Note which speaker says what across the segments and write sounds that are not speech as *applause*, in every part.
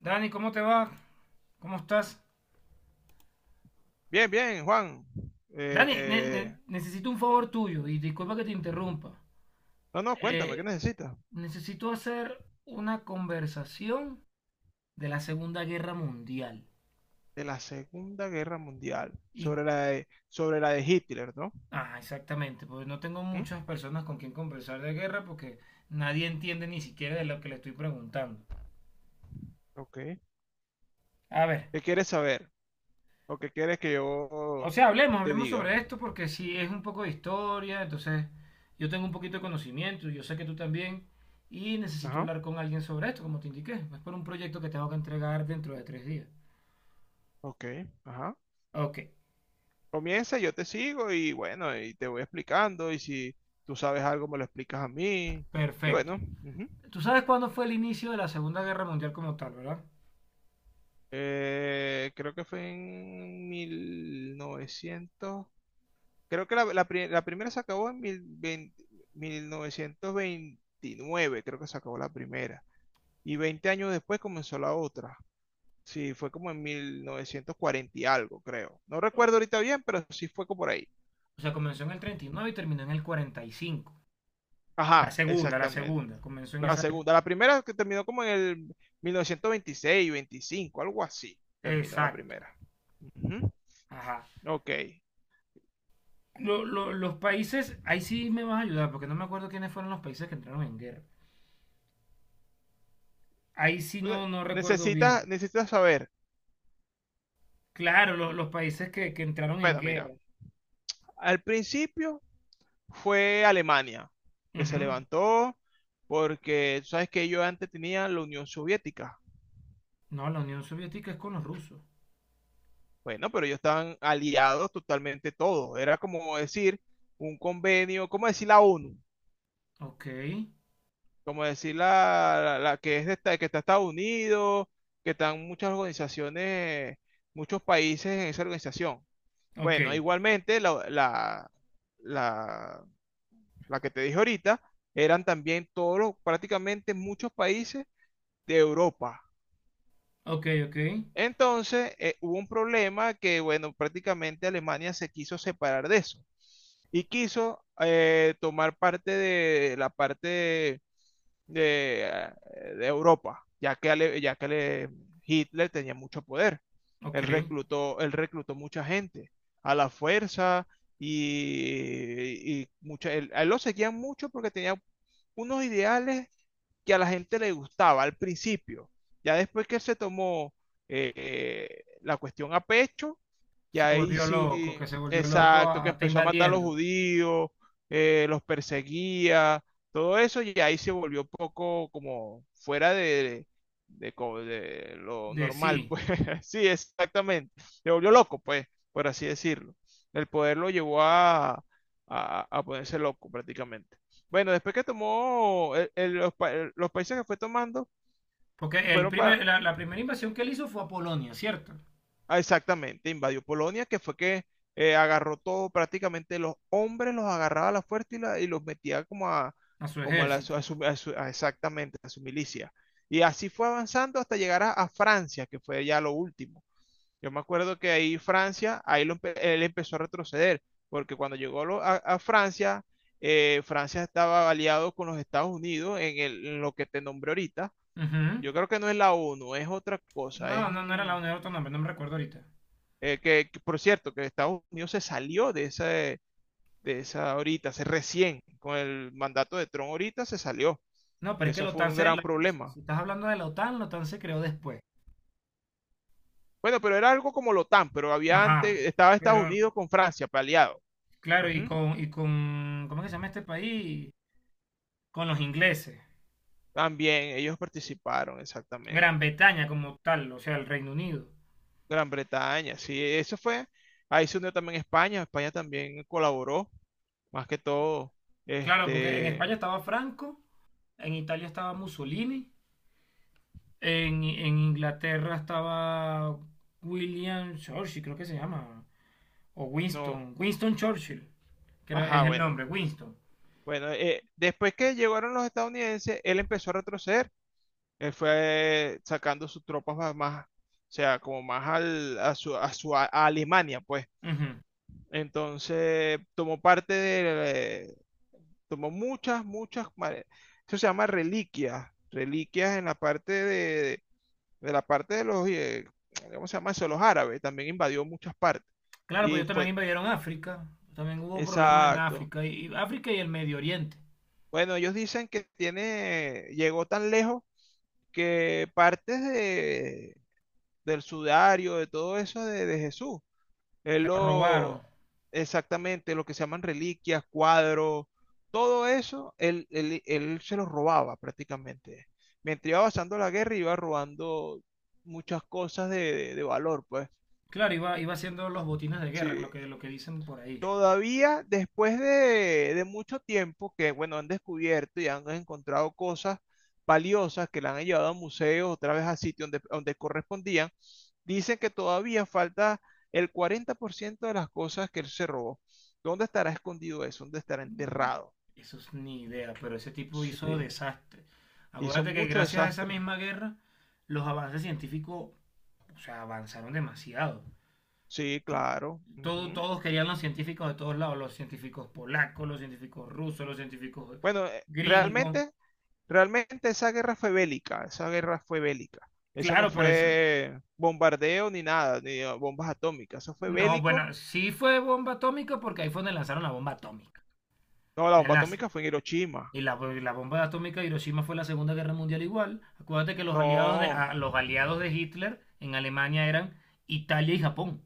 Speaker 1: Dani, ¿cómo te va? ¿Cómo estás?
Speaker 2: Bien, bien, Juan.
Speaker 1: Dani,
Speaker 2: Eh,
Speaker 1: necesito un favor tuyo y disculpa que te interrumpa.
Speaker 2: no, no, cuéntame, ¿qué
Speaker 1: Eh,
Speaker 2: necesitas?
Speaker 1: necesito hacer una conversación de la Segunda Guerra Mundial.
Speaker 2: De la Segunda Guerra Mundial,
Speaker 1: Y,
Speaker 2: sobre la de Hitler, ¿no?
Speaker 1: ah, exactamente, porque no tengo
Speaker 2: ¿Mm?
Speaker 1: muchas personas con quien conversar de guerra porque nadie entiende ni siquiera de lo que le estoy preguntando.
Speaker 2: Ok.
Speaker 1: A ver,
Speaker 2: ¿Qué quieres saber? ¿O qué quieres que
Speaker 1: o
Speaker 2: yo
Speaker 1: sea,
Speaker 2: te
Speaker 1: hablemos
Speaker 2: diga?
Speaker 1: sobre esto porque si es un poco de historia, entonces yo tengo un poquito de conocimiento, yo sé que tú también, y necesito
Speaker 2: Ajá,
Speaker 1: hablar con alguien sobre esto, como te indiqué. Es por un proyecto que tengo que entregar dentro de 3 días.
Speaker 2: ok, ajá.
Speaker 1: Ok,
Speaker 2: Comienza, yo te sigo y bueno, y te voy explicando. Y si tú sabes algo, me lo explicas a mí. Y
Speaker 1: perfecto.
Speaker 2: bueno, ujú.
Speaker 1: Tú sabes cuándo fue el inicio de la Segunda Guerra Mundial como tal, ¿verdad?
Speaker 2: Creo que fue en mil novecientos. Creo que la primera se acabó en 1929, creo que se acabó la primera. Y 20 años después comenzó la otra. Sí, fue como en 1940 y algo, creo. No recuerdo ahorita bien, pero sí fue como por ahí.
Speaker 1: O sea, comenzó en el 39 y terminó en el 45. La
Speaker 2: Ajá,
Speaker 1: segunda, la
Speaker 2: exactamente.
Speaker 1: segunda, comenzó en
Speaker 2: La
Speaker 1: esa época.
Speaker 2: segunda, la primera que terminó como en el 1926, 25, algo así. Terminó la
Speaker 1: Exacto.
Speaker 2: primera. Ujú,
Speaker 1: Ajá.
Speaker 2: ok.
Speaker 1: Los países, ahí sí me vas a ayudar, porque no me acuerdo quiénes fueron los países que entraron en guerra. Ahí sí
Speaker 2: Ne-
Speaker 1: no, no recuerdo bien.
Speaker 2: Necesitas, necesitas saber.
Speaker 1: Claro, los países que entraron en
Speaker 2: Bueno,
Speaker 1: guerra.
Speaker 2: mira, al principio fue Alemania, que se
Speaker 1: Ujú.
Speaker 2: levantó porque, tú sabes que ellos antes tenían la Unión Soviética.
Speaker 1: No, la Unión Soviética es con los rusos.
Speaker 2: Bueno, pero ellos estaban aliados totalmente todos. Era como decir un convenio, como decir la ONU,
Speaker 1: Ok,
Speaker 2: como decir la que es que está Estados Unidos, que están muchas organizaciones, muchos países en esa organización.
Speaker 1: ok,
Speaker 2: Bueno, igualmente la, la que te dije ahorita, eran también todos, prácticamente muchos países de Europa.
Speaker 1: ok, ok,
Speaker 2: Entonces, hubo un problema que, bueno, prácticamente Alemania se quiso separar de eso y quiso tomar parte de la parte de, de Europa, Hitler tenía mucho poder.
Speaker 1: ok.
Speaker 2: Él reclutó mucha gente a la fuerza a él lo seguían mucho porque tenía unos ideales que a la gente le gustaba al principio. Ya después que se tomó la cuestión a pecho,
Speaker 1: Se
Speaker 2: ya ahí
Speaker 1: volvió loco,
Speaker 2: sí,
Speaker 1: que se volvió loco,
Speaker 2: exacto, que
Speaker 1: está
Speaker 2: empezó a matar a los
Speaker 1: invadiendo.
Speaker 2: judíos, los perseguía, todo eso, y ahí se volvió un poco como fuera de lo
Speaker 1: De
Speaker 2: normal,
Speaker 1: sí.
Speaker 2: pues *laughs* sí, exactamente, se volvió loco, pues, por así decirlo. El poder lo llevó a ponerse loco prácticamente. Bueno, después que tomó los países que fue tomando,
Speaker 1: Porque
Speaker 2: fueron para,
Speaker 1: la primera invasión que él hizo fue a Polonia, ¿cierto?
Speaker 2: exactamente, invadió Polonia, que fue que agarró todo, prácticamente los hombres los agarraba a la fuerza y los metía como a,
Speaker 1: A su
Speaker 2: como a, la, su-
Speaker 1: ejército.
Speaker 2: a su- a su- a exactamente, a su milicia. Y así fue avanzando hasta llegar a Francia, que fue ya lo último. Yo me acuerdo que ahí Francia, él empezó a retroceder, porque cuando llegó a Francia, Francia estaba aliado con los Estados Unidos en lo que te nombré ahorita.
Speaker 1: Ujú.
Speaker 2: Yo creo que no es la ONU, es otra cosa.
Speaker 1: No,
Speaker 2: Es
Speaker 1: no, no era la Unión Autónoma, no me recuerdo ahorita.
Speaker 2: que, por cierto, que Estados Unidos se salió de esa ahorita, se recién, con el mandato de Trump ahorita se salió.
Speaker 1: No, pero es que
Speaker 2: Eso
Speaker 1: la
Speaker 2: fue
Speaker 1: OTAN
Speaker 2: un
Speaker 1: se,
Speaker 2: gran
Speaker 1: si
Speaker 2: problema.
Speaker 1: si estás hablando de la OTAN se creó después.
Speaker 2: Bueno, pero era algo como la OTAN, pero había antes,
Speaker 1: Ajá.
Speaker 2: estaba Estados
Speaker 1: Pero
Speaker 2: Unidos con Francia, aliado.
Speaker 1: claro,
Speaker 2: Ujú.
Speaker 1: y con, ¿cómo es que se llama este país? Con los ingleses.
Speaker 2: También ellos participaron, exactamente.
Speaker 1: Gran Bretaña como tal, o sea, el Reino Unido.
Speaker 2: Gran Bretaña, sí, eso fue. Ahí se unió también España. España también colaboró, más que todo,
Speaker 1: Claro, porque en
Speaker 2: este,
Speaker 1: España estaba Franco, en Italia estaba Mussolini, en Inglaterra estaba William Churchill, creo que se llama, o
Speaker 2: no,
Speaker 1: Winston Churchill,
Speaker 2: ajá,
Speaker 1: es el
Speaker 2: bueno.
Speaker 1: nombre, Winston.
Speaker 2: Bueno, después que llegaron los estadounidenses, él empezó a retroceder. Él fue sacando sus tropas más, más, o sea, como más al, a su, a su- a Alemania, pues.
Speaker 1: Ujú.
Speaker 2: Entonces, tomó muchas, muchas, eso se llama reliquias, reliquias en la parte de la parte de los, ¿cómo se llama eso? Los árabes, también invadió muchas partes.
Speaker 1: Claro, pues
Speaker 2: Y
Speaker 1: ellos también
Speaker 2: fue,
Speaker 1: invadieron África, también hubo problemas en
Speaker 2: exacto.
Speaker 1: África, y África y el Medio Oriente.
Speaker 2: Bueno, ellos dicen que llegó tan lejos que del sudario, de todo eso de Jesús. Él
Speaker 1: Se lo robaron.
Speaker 2: lo, Exactamente, lo que se llaman reliquias, cuadros, todo eso, él se los robaba prácticamente. Mientras iba avanzando la guerra, iba robando muchas cosas de valor, pues.
Speaker 1: Claro, iba haciendo los botines de guerra,
Speaker 2: Sí,
Speaker 1: lo que dicen por ahí.
Speaker 2: todavía después de mucho tiempo que, bueno, han descubierto y han encontrado cosas valiosas que la han llevado a museos, otra vez a sitios donde correspondían, dicen que todavía falta el 40% de las cosas que él se robó. ¿Dónde estará escondido eso? ¿Dónde estará enterrado?
Speaker 1: Eso es ni idea, pero ese tipo hizo
Speaker 2: Sí.
Speaker 1: desastre.
Speaker 2: Hizo
Speaker 1: Acuérdate que
Speaker 2: mucho
Speaker 1: gracias a esa
Speaker 2: desastre.
Speaker 1: misma guerra, los avances científicos, o sea, avanzaron demasiado.
Speaker 2: Sí, claro,
Speaker 1: Todo,
Speaker 2: ujú.
Speaker 1: todos querían los científicos de todos lados, los científicos polacos, los científicos rusos, los científicos
Speaker 2: Bueno,
Speaker 1: gringos.
Speaker 2: realmente esa guerra fue bélica, esa guerra fue bélica. Eso no
Speaker 1: Claro, pero eso...
Speaker 2: fue bombardeo ni nada, ni bombas atómicas, eso fue
Speaker 1: No,
Speaker 2: bélico.
Speaker 1: bueno, sí fue bomba atómica porque ahí fue donde lanzaron la bomba atómica.
Speaker 2: No, la bomba
Speaker 1: Enlace.
Speaker 2: atómica fue en Hiroshima.
Speaker 1: Y la bomba atómica de Hiroshima fue la Segunda Guerra Mundial igual. Acuérdate que los aliados
Speaker 2: No,
Speaker 1: de Hitler en Alemania eran Italia y Japón.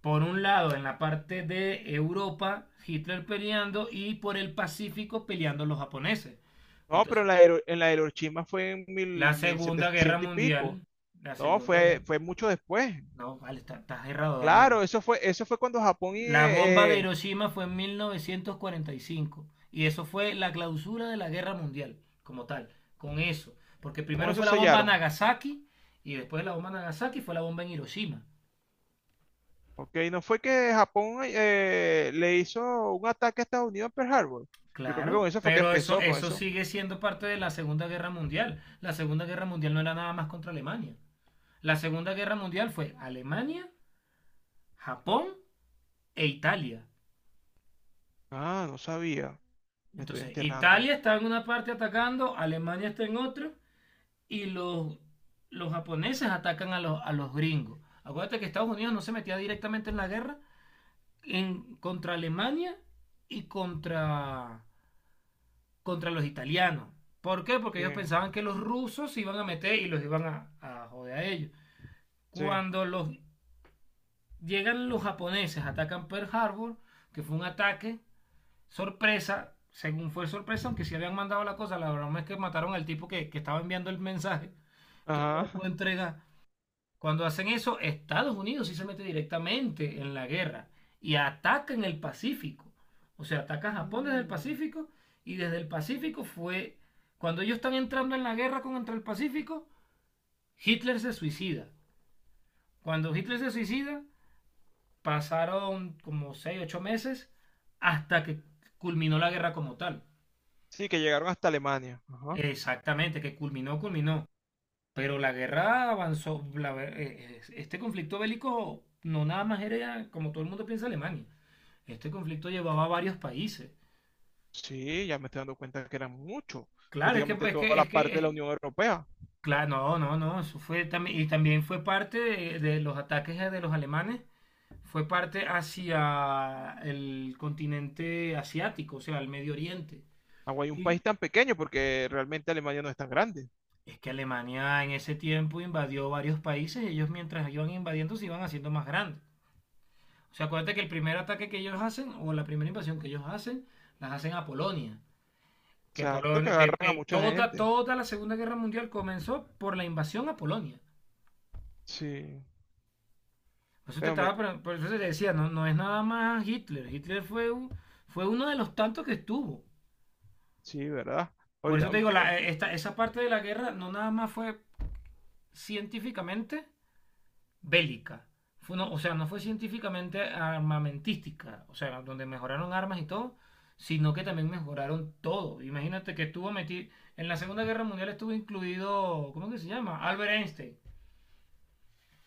Speaker 1: Por un lado, en la parte de Europa, Hitler peleando y por el Pacífico peleando los japoneses.
Speaker 2: no, pero en
Speaker 1: Entonces,
Speaker 2: la, Hiro- en la Hiroshima fue en
Speaker 1: la
Speaker 2: mil
Speaker 1: Segunda Guerra
Speaker 2: setecientos y pico.
Speaker 1: Mundial, la
Speaker 2: No,
Speaker 1: Segunda
Speaker 2: fue,
Speaker 1: Guerra...
Speaker 2: fue mucho después.
Speaker 1: No, vale, estás errado, Daniel.
Speaker 2: Claro, eso fue cuando Japón
Speaker 1: La bomba de Hiroshima fue en 1945 y cinco y eso fue la clausura de la guerra mundial como tal, con eso. Porque
Speaker 2: con
Speaker 1: primero
Speaker 2: eso
Speaker 1: fue la bomba
Speaker 2: sellaron.
Speaker 1: Nagasaki y después de la bomba Nagasaki fue la bomba en Hiroshima.
Speaker 2: Ok, no fue que Japón le hizo un ataque a Estados Unidos en Pearl Harbor. Yo creo que
Speaker 1: Claro,
Speaker 2: con eso fue que
Speaker 1: pero eso,
Speaker 2: empezó, con
Speaker 1: eso
Speaker 2: eso.
Speaker 1: sigue siendo parte de la Segunda Guerra Mundial. La Segunda Guerra Mundial no era nada más contra Alemania. La Segunda Guerra Mundial fue Alemania, Japón e Italia.
Speaker 2: Ah, no sabía. Me estoy
Speaker 1: Entonces,
Speaker 2: enterando.
Speaker 1: Italia está en una parte atacando, Alemania está en otra, y los japoneses atacan a los gringos. Acuérdate que Estados Unidos no se metía directamente en la guerra, contra Alemania y contra los italianos. ¿Por qué? Porque
Speaker 2: Sí,
Speaker 1: ellos pensaban que los rusos se iban a meter y los iban a joder a ellos.
Speaker 2: sí.
Speaker 1: Cuando llegan los japoneses, atacan Pearl Harbor, que fue un ataque sorpresa, según fue sorpresa, aunque sí habían mandado la cosa, la broma es que mataron al tipo que estaba enviando el mensaje, entonces no lo
Speaker 2: Ajá.
Speaker 1: pudo entregar. Cuando hacen eso, Estados Unidos sí se mete directamente en la guerra y ataca en el Pacífico. O sea, ataca a Japón desde el
Speaker 2: Mm.
Speaker 1: Pacífico y desde el Pacífico fue... Cuando ellos están entrando en la guerra contra el Pacífico, Hitler se suicida. Cuando Hitler se suicida, pasaron como 6 8 meses hasta que culminó la guerra como tal.
Speaker 2: Sí, que llegaron hasta Alemania. Ajá.
Speaker 1: Exactamente, que culminó, culminó. Pero la guerra avanzó, este conflicto bélico no nada más era como todo el mundo piensa Alemania. Este conflicto llevaba a varios países.
Speaker 2: Sí, ya me estoy dando cuenta que eran muchos.
Speaker 1: Claro, es que,
Speaker 2: Prácticamente
Speaker 1: es
Speaker 2: toda
Speaker 1: que,
Speaker 2: la
Speaker 1: es que,
Speaker 2: parte de la
Speaker 1: eh,
Speaker 2: Unión Europea.
Speaker 1: claro, no, no, no, eso fue también, y también fue parte de los ataques de los alemanes, fue parte hacia el continente asiático, o sea, el Medio Oriente.
Speaker 2: Agua hay un
Speaker 1: Y
Speaker 2: país tan pequeño porque realmente Alemania no es tan grande.
Speaker 1: es que Alemania en ese tiempo invadió varios países, y ellos mientras iban invadiendo se iban haciendo más grandes. O sea, acuérdate que el primer ataque que ellos hacen, o la primera invasión que ellos hacen, las hacen a Polonia. Que,
Speaker 2: Exacto, que
Speaker 1: Polonia, que,
Speaker 2: agarran a
Speaker 1: que
Speaker 2: mucha
Speaker 1: toda,
Speaker 2: gente.
Speaker 1: toda la Segunda Guerra Mundial comenzó por la invasión a Polonia.
Speaker 2: Sí,
Speaker 1: Por eso te,
Speaker 2: pero
Speaker 1: estaba, por- por eso te decía, no, no es nada más Hitler. Hitler fue uno de los tantos que estuvo.
Speaker 2: sí, ¿verdad?
Speaker 1: Por eso
Speaker 2: Ahorita,
Speaker 1: te digo, esa parte de la guerra no nada más fue científicamente, bélica. Fue no- O sea, no fue científicamente armamentística, o sea, donde mejoraron armas y todo, sino que también mejoraron todo. Imagínate que estuvo metido, en la Segunda Guerra Mundial estuvo incluido, ¿cómo que se llama? Albert Einstein,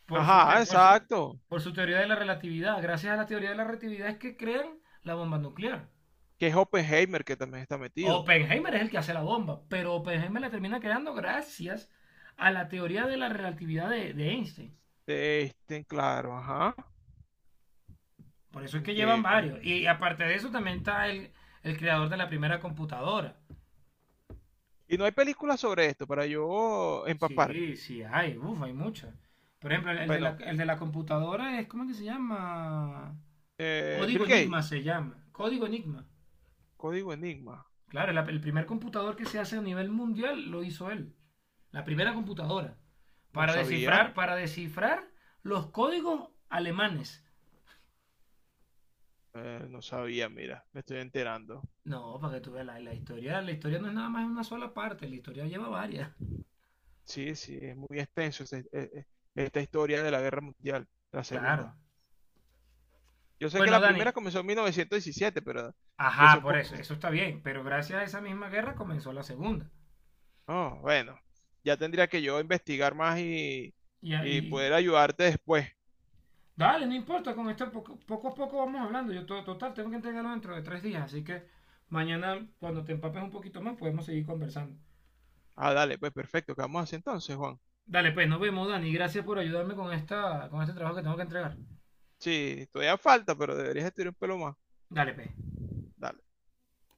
Speaker 1: por su, te-
Speaker 2: ajá, exacto.
Speaker 1: por su teoría de la relatividad. Gracias a la teoría de la relatividad es que crean la bomba nuclear.
Speaker 2: Que es Oppenheimer que también está metido.
Speaker 1: Oppenheimer es el que hace la bomba, pero Oppenheimer la termina creando gracias a la teoría de la relatividad de Einstein.
Speaker 2: Este, claro, ajá.
Speaker 1: Por eso es que llevan
Speaker 2: Que...
Speaker 1: varios. Y aparte de eso también está el creador de la primera computadora.
Speaker 2: Y no hay películas sobre esto para yo empaparme.
Speaker 1: Sí, sí, hay, uff, hay muchos. Por ejemplo, el de la,
Speaker 2: Bueno,
Speaker 1: el de la computadora es, ¿cómo que se llama?
Speaker 2: Bill
Speaker 1: Código
Speaker 2: Gates,
Speaker 1: Enigma se llama. Código Enigma.
Speaker 2: Código Enigma.
Speaker 1: Claro, el primer computador que se hace a nivel mundial lo hizo él. La primera computadora.
Speaker 2: No sabía,
Speaker 1: Para descifrar los códigos alemanes.
Speaker 2: no sabía, mira, me estoy enterando.
Speaker 1: No, para que tú veas la historia. La historia no es nada más una sola parte. La historia lleva varias.
Speaker 2: Sí, sí, es muy extenso esta historia de la Guerra Mundial, la
Speaker 1: Claro.
Speaker 2: segunda. Yo sé que
Speaker 1: Bueno,
Speaker 2: la primera
Speaker 1: Dani,
Speaker 2: comenzó en 1917, pero que sea
Speaker 1: ajá,
Speaker 2: un
Speaker 1: por
Speaker 2: poco...
Speaker 1: eso, eso está bien, pero gracias a esa misma guerra comenzó la segunda.
Speaker 2: Oh, bueno, ya tendría que yo investigar más y,
Speaker 1: Y
Speaker 2: y
Speaker 1: ahí,
Speaker 2: poder ayudarte después.
Speaker 1: dale, no importa, con esto poco, poco a poco vamos hablando. Total, tengo que entregarlo dentro de 3 días, así que mañana cuando te empapes un poquito más podemos seguir conversando.
Speaker 2: Ah, dale, pues perfecto, ¿qué vamos a hacer entonces, Juan?
Speaker 1: Dale, pues, nos vemos, Dani. Gracias por ayudarme con, con este trabajo que tengo que entregar.
Speaker 2: Sí, todavía falta, pero deberías estudiar un pelo más.
Speaker 1: Dale, pues.
Speaker 2: Dale.